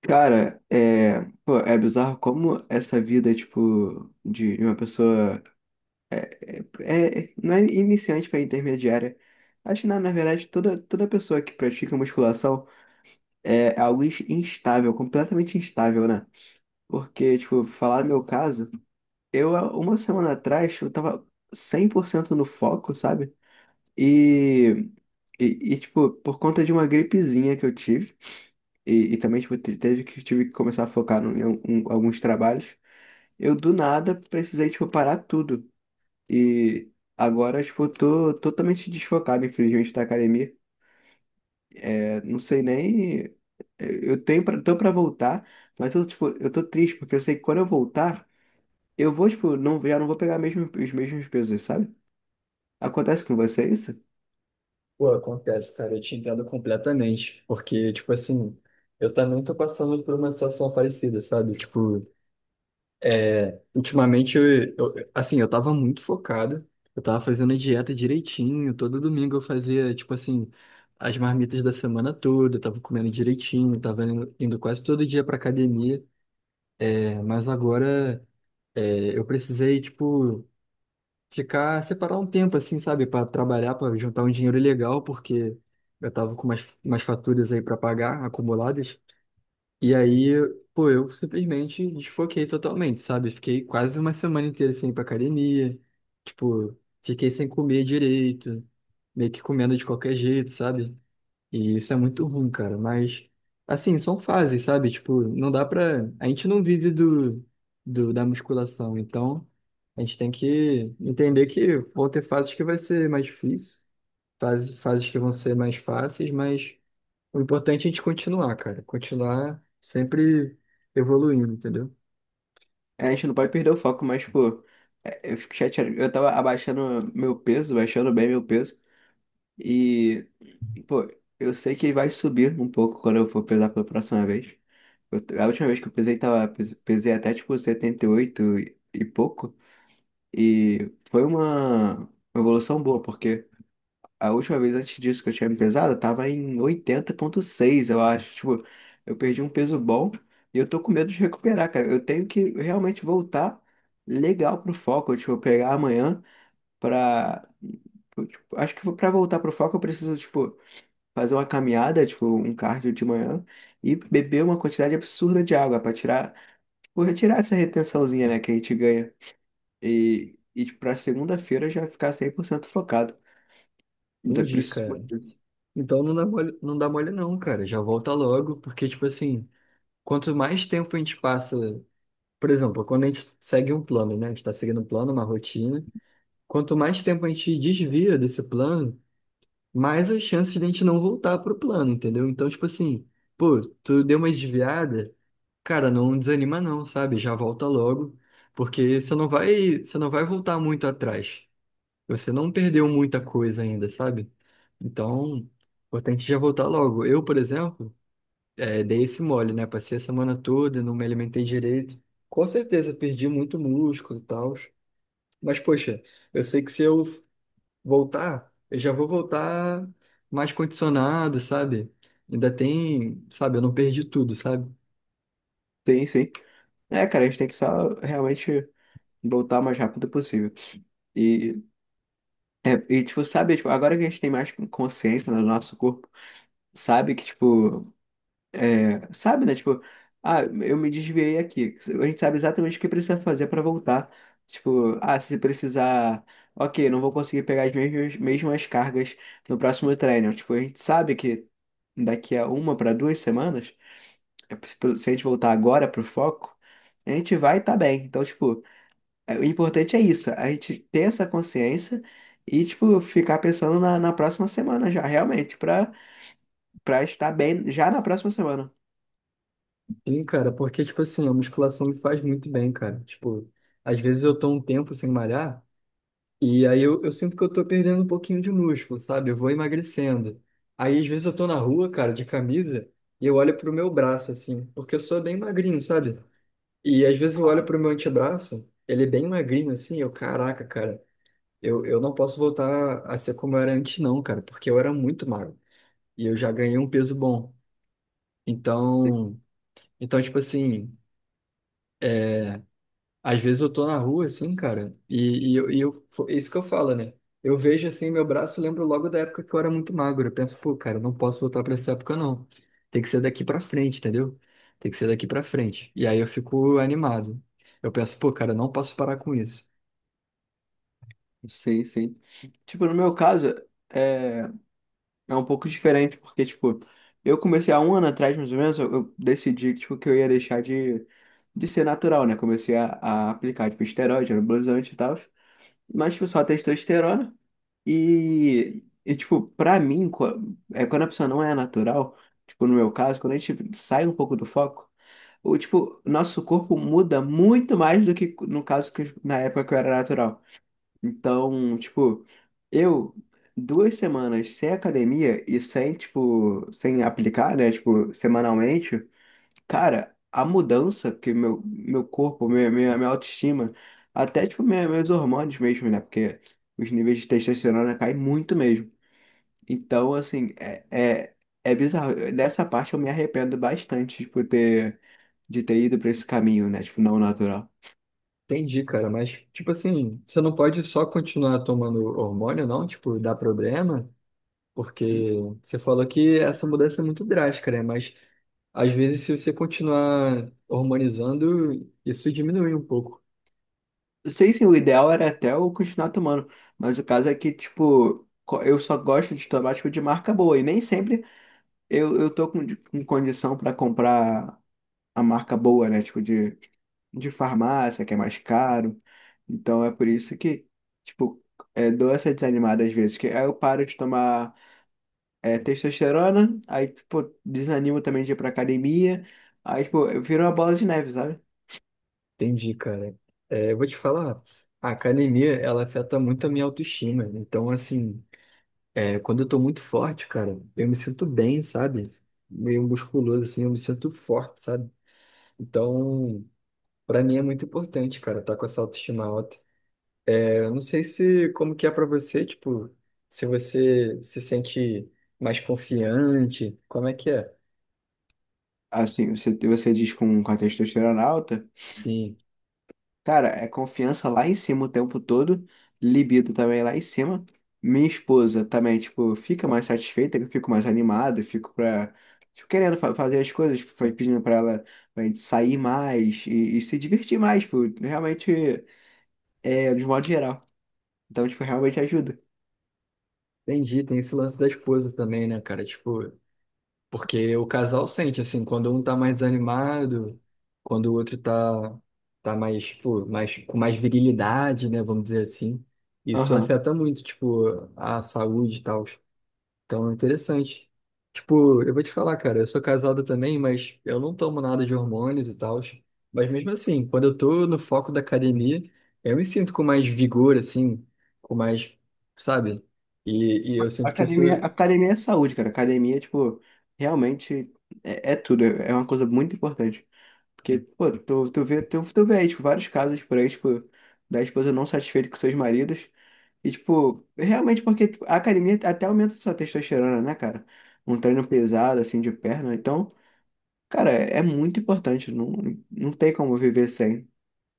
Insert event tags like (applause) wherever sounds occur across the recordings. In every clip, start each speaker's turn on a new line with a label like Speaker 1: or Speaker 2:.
Speaker 1: Cara, pô, é bizarro como essa vida, tipo, de uma pessoa não é iniciante para intermediária. Acho que, na verdade, toda pessoa que pratica musculação é algo instável, completamente instável, né? Porque, tipo, falar no meu caso, há uma semana atrás, eu tava 100% no foco, sabe? E, e, e, tipo, por conta de uma gripezinha que eu tive, e também, tipo, tive que começar a focar em alguns trabalhos, eu do nada precisei, tipo, parar tudo. E agora, tipo, eu tô totalmente desfocado, infelizmente, da academia. É, não sei nem. Tô pra voltar, mas tipo, eu tô triste, porque eu sei que quando eu voltar, eu vou, tipo, não, já não vou pegar mesmo, os mesmos pesos, sabe? Acontece com você isso?
Speaker 2: Pô, acontece, cara, eu te entendo completamente, porque, tipo assim, eu também tô passando por uma situação parecida, sabe? Tipo, ultimamente, assim, eu tava muito focado, eu tava fazendo a dieta direitinho, todo domingo eu fazia, tipo assim, as marmitas da semana toda, eu tava comendo direitinho, tava indo quase todo dia pra academia, mas agora, eu precisei, tipo ficar, separar um tempo, assim, sabe, para trabalhar, para juntar um dinheiro legal, porque eu tava com umas faturas aí para pagar, acumuladas. E aí, pô, eu simplesmente desfoquei totalmente, sabe? Fiquei quase uma semana inteira sem ir pra academia, tipo, fiquei sem comer direito, meio que comendo de qualquer jeito, sabe? E isso é muito ruim, cara. Mas, assim, são fases, sabe? Tipo, não dá pra. A gente não vive do da musculação. Então, a gente tem que entender que vão ter fases que vai ser mais difícil, fases que vão ser mais fáceis, mas o importante é a gente continuar, cara. Continuar sempre evoluindo, entendeu?
Speaker 1: É, a gente não pode perder o foco, mas, pô, eu fico chateado. Eu tava abaixando meu peso, baixando bem meu peso. E, pô, eu sei que vai subir um pouco quando eu for pesar pela próxima vez. A última vez que eu pesei, tava, pesei até tipo 78 e, oito e pouco. E foi uma evolução boa, porque. A última vez antes disso que eu tinha me pesado, eu tava em oitenta vírgula seis, eu acho. Tipo, eu perdi um peso bom e eu tô com medo de recuperar, cara. Eu tenho que realmente voltar legal pro foco. Tipo, pegar amanhã pra. Eu, tipo, acho que pra voltar pro foco eu preciso, tipo, fazer uma caminhada, tipo, um cardio de manhã e beber uma quantidade absurda de água pra tirar. Tipo, retirar essa retençãozinha, né, que a gente ganha. E tipo, pra segunda-feira já ficar 100% focado. Então, eu
Speaker 2: Entendi, cara.
Speaker 1: preciso.
Speaker 2: Então não dá mole, não dá mole não, cara. Já volta logo, porque, tipo assim, quanto mais tempo a gente passa. Por exemplo, quando a gente segue um plano, né? A gente está seguindo um plano, uma rotina. Quanto mais tempo a gente desvia desse plano, mais as chances de a gente não voltar pro plano, entendeu? Então, tipo assim, pô, tu deu uma desviada, cara, não desanima não, sabe? Já volta logo, porque você não vai voltar muito atrás. Você não perdeu muita coisa ainda, sabe? Então, importante já voltar logo. Eu, por exemplo, dei esse mole, né? Passei a semana toda, não me alimentei direito. Com certeza, perdi muito músculo e tal. Mas, poxa, eu sei que se eu voltar, eu já vou voltar mais condicionado, sabe? Ainda tem, sabe? Eu não perdi tudo, sabe?
Speaker 1: Sim, sim. É, cara, a gente tem que só realmente voltar o mais rápido possível. E, e, tipo, sabe, tipo, agora que a gente tem mais consciência né, do nosso corpo, sabe que, tipo, sabe, né? Tipo, ah, eu me desviei aqui. A gente sabe exatamente o que precisa fazer para voltar. Tipo, ah, se precisar, ok, não vou conseguir pegar as mesmas cargas no próximo treino. Tipo, a gente sabe que daqui a uma para duas semanas. Se a gente voltar agora pro foco, a gente vai estar bem. Então, tipo, o importante é isso, a gente ter essa consciência e, tipo, ficar pensando na próxima semana já, realmente, pra estar bem já na próxima semana.
Speaker 2: Sim, cara, porque, tipo assim, a musculação me faz muito bem, cara. Tipo, às vezes eu tô um tempo sem malhar. E aí eu sinto que eu tô perdendo um pouquinho de músculo, sabe? Eu vou emagrecendo. Aí às vezes eu tô na rua, cara, de camisa, e eu olho pro meu braço, assim, porque eu sou bem magrinho, sabe? E às vezes eu olho pro meu antebraço, ele é bem magrinho, assim, eu, caraca, cara, eu não posso voltar a ser como eu era antes, não, cara, porque eu era muito magro. E eu já ganhei um peso bom. Então, então, tipo assim. Às vezes eu tô na rua, assim, cara, é isso que eu falo, né? Eu vejo, assim, meu braço, eu lembro logo da época que eu era muito magro. Eu penso, pô, cara, eu não posso voltar pra essa época, não. Tem que ser daqui pra frente, entendeu? Tem que ser daqui pra frente. E aí eu fico animado. Eu penso, pô, cara, eu não posso parar com isso.
Speaker 1: Sim, sim. Tipo, no meu caso, é, é um pouco diferente, porque, tipo, eu comecei há um ano atrás, mais ou menos, eu decidi, tipo, que eu ia deixar de ser natural, né? Comecei a aplicar, tipo, esteroide, anabolizante e tal. Mas tipo, só testosterona. E tipo, pra mim, quando a pessoa não é natural, tipo, no meu caso, quando a gente sai um pouco do foco, o tipo, nosso corpo muda muito mais do que no caso que na época que eu era natural. Então, tipo, eu duas semanas sem academia e sem, tipo, sem aplicar, né, tipo, semanalmente. Cara, a mudança que meu corpo, minha autoestima, até tipo minha, meus hormônios mesmo, né? Porque os níveis de testosterona caem muito mesmo. Então, assim, é, é bizarro. Nessa parte eu me arrependo bastante, tipo, de ter ido pra esse caminho, né? Tipo, não natural.
Speaker 2: Entendi, cara, mas, tipo assim, você não pode só continuar tomando hormônio, não? Tipo, dá problema? Porque
Speaker 1: Hum,
Speaker 2: você falou que essa mudança é muito drástica, né? Mas às vezes, se você continuar hormonizando, isso diminui um pouco.
Speaker 1: Sei sim, o ideal era até eu continuar tomando, mas o caso é que, tipo, eu só gosto de tomar, tipo, de marca boa, e nem sempre eu tô com condição pra comprar a marca boa, né? Tipo, de farmácia, que é mais caro. Então é por isso que, tipo, dou essa desanimada às vezes. Que aí eu paro de tomar testosterona, aí, pô, desanimo também de ir pra academia. Aí, tipo, vira uma bola de neve, sabe?
Speaker 2: Entendi, cara. É, eu vou te falar, a academia, ela afeta muito a minha autoestima. Então, assim, quando eu tô muito forte, cara, eu me sinto bem, sabe? Meio musculoso, assim, eu me sinto forte, sabe? Então, pra mim é muito importante, cara, tá com essa autoestima alta. É, eu não sei se, como que é pra você, tipo, se você se sente mais confiante, como é que é?
Speaker 1: Assim, você diz com a testosterona alta.
Speaker 2: Sim.
Speaker 1: Cara, é confiança lá em cima o tempo todo, libido também lá em cima. Minha esposa também, tipo, fica mais satisfeita, eu fico mais animado, fico pra, tipo, querendo fazer as coisas, tipo, foi pedindo pra ela pra gente sair mais e se divertir mais, tipo, realmente, de modo geral. Então, tipo, realmente ajuda.
Speaker 2: Entendi, tem esse lance da esposa também, né, cara? Tipo, porque o casal sente, assim, quando um tá mais desanimado, quando o outro tá, tá mais, tipo, mais, com mais virilidade, né, vamos dizer assim. Isso
Speaker 1: Aham.
Speaker 2: afeta muito, tipo, a saúde e tal. Então, é interessante. Tipo, eu vou te falar, cara, eu sou casado também, mas eu não tomo nada de hormônios e tal. Mas mesmo assim, quando eu tô no foco da academia, eu me sinto com mais vigor, assim, com mais, sabe? E eu sinto que isso,
Speaker 1: Academia, academia é saúde, cara. Academia, tipo, realmente é tudo, é uma coisa muito importante. Porque, pô, tu vê, tu vê aí, tipo, vários casos por aí, tipo, da esposa não satisfeita com seus maridos. E, tipo, realmente porque tipo, a academia até aumenta sua testosterona, né, cara? Um treino pesado, assim, de perna. Então, cara, é muito importante. Não, não tem como viver sem.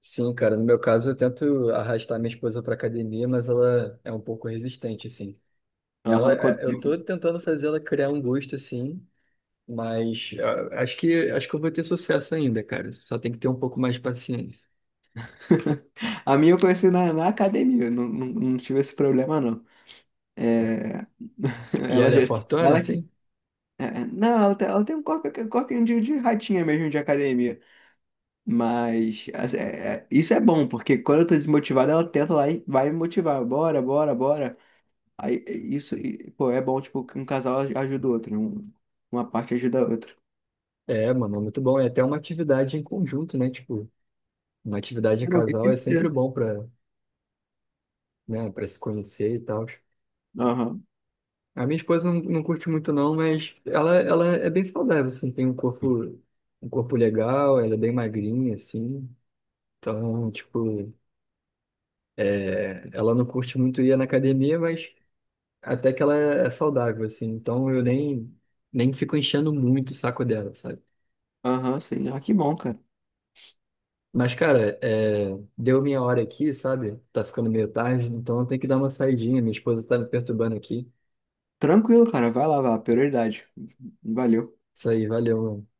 Speaker 2: sim, cara, no meu caso eu tento arrastar minha esposa pra academia, mas ela é um pouco resistente, assim. Ela,
Speaker 1: Aham.
Speaker 2: é- eu tô tentando fazer ela criar um gosto, assim, mas ah, acho que eu vou ter sucesso ainda, cara. Só tem que ter um pouco mais de paciência.
Speaker 1: (laughs) A minha eu conheci na academia. Não, não, não tive esse problema, não. É... (laughs)
Speaker 2: E
Speaker 1: Ela
Speaker 2: ela é
Speaker 1: já...
Speaker 2: fortona,
Speaker 1: Ela que...
Speaker 2: assim?
Speaker 1: Não, ela tem um corpo, corpinho de ratinha mesmo de academia. Mas assim, isso é bom, porque quando eu tô desmotivado, ela tenta lá e vai me motivar. Bora, bora, bora. Aí é isso, e, pô, é bom, tipo, que um casal ajuda o outro, né? Uma parte ajuda a outra.
Speaker 2: É, mano, é muito bom. É até uma atividade em conjunto, né? Tipo, uma atividade em
Speaker 1: Eu não- E
Speaker 2: casal
Speaker 1: tem
Speaker 2: é
Speaker 1: que
Speaker 2: sempre
Speaker 1: ser.
Speaker 2: bom pra, né, pra se conhecer e tal.
Speaker 1: Aham,
Speaker 2: A minha esposa não curte muito, não, mas ela é bem saudável, assim, tem um corpo legal, ela é bem magrinha, assim. Então, tipo, é, ela não curte muito ir na academia, mas até que ela é saudável, assim. Então eu nem, nem fico enchendo muito o saco dela, sabe?
Speaker 1: aham, sim. Ah, que bom, cara.
Speaker 2: Mas, cara, é, deu minha hora aqui, sabe? Tá ficando meio tarde, então eu tenho que dar uma saidinha. Minha esposa tá me perturbando aqui.
Speaker 1: Tranquilo, cara. Vai lá, vai lá. Prioridade. Valeu.
Speaker 2: Isso aí, valeu, mano.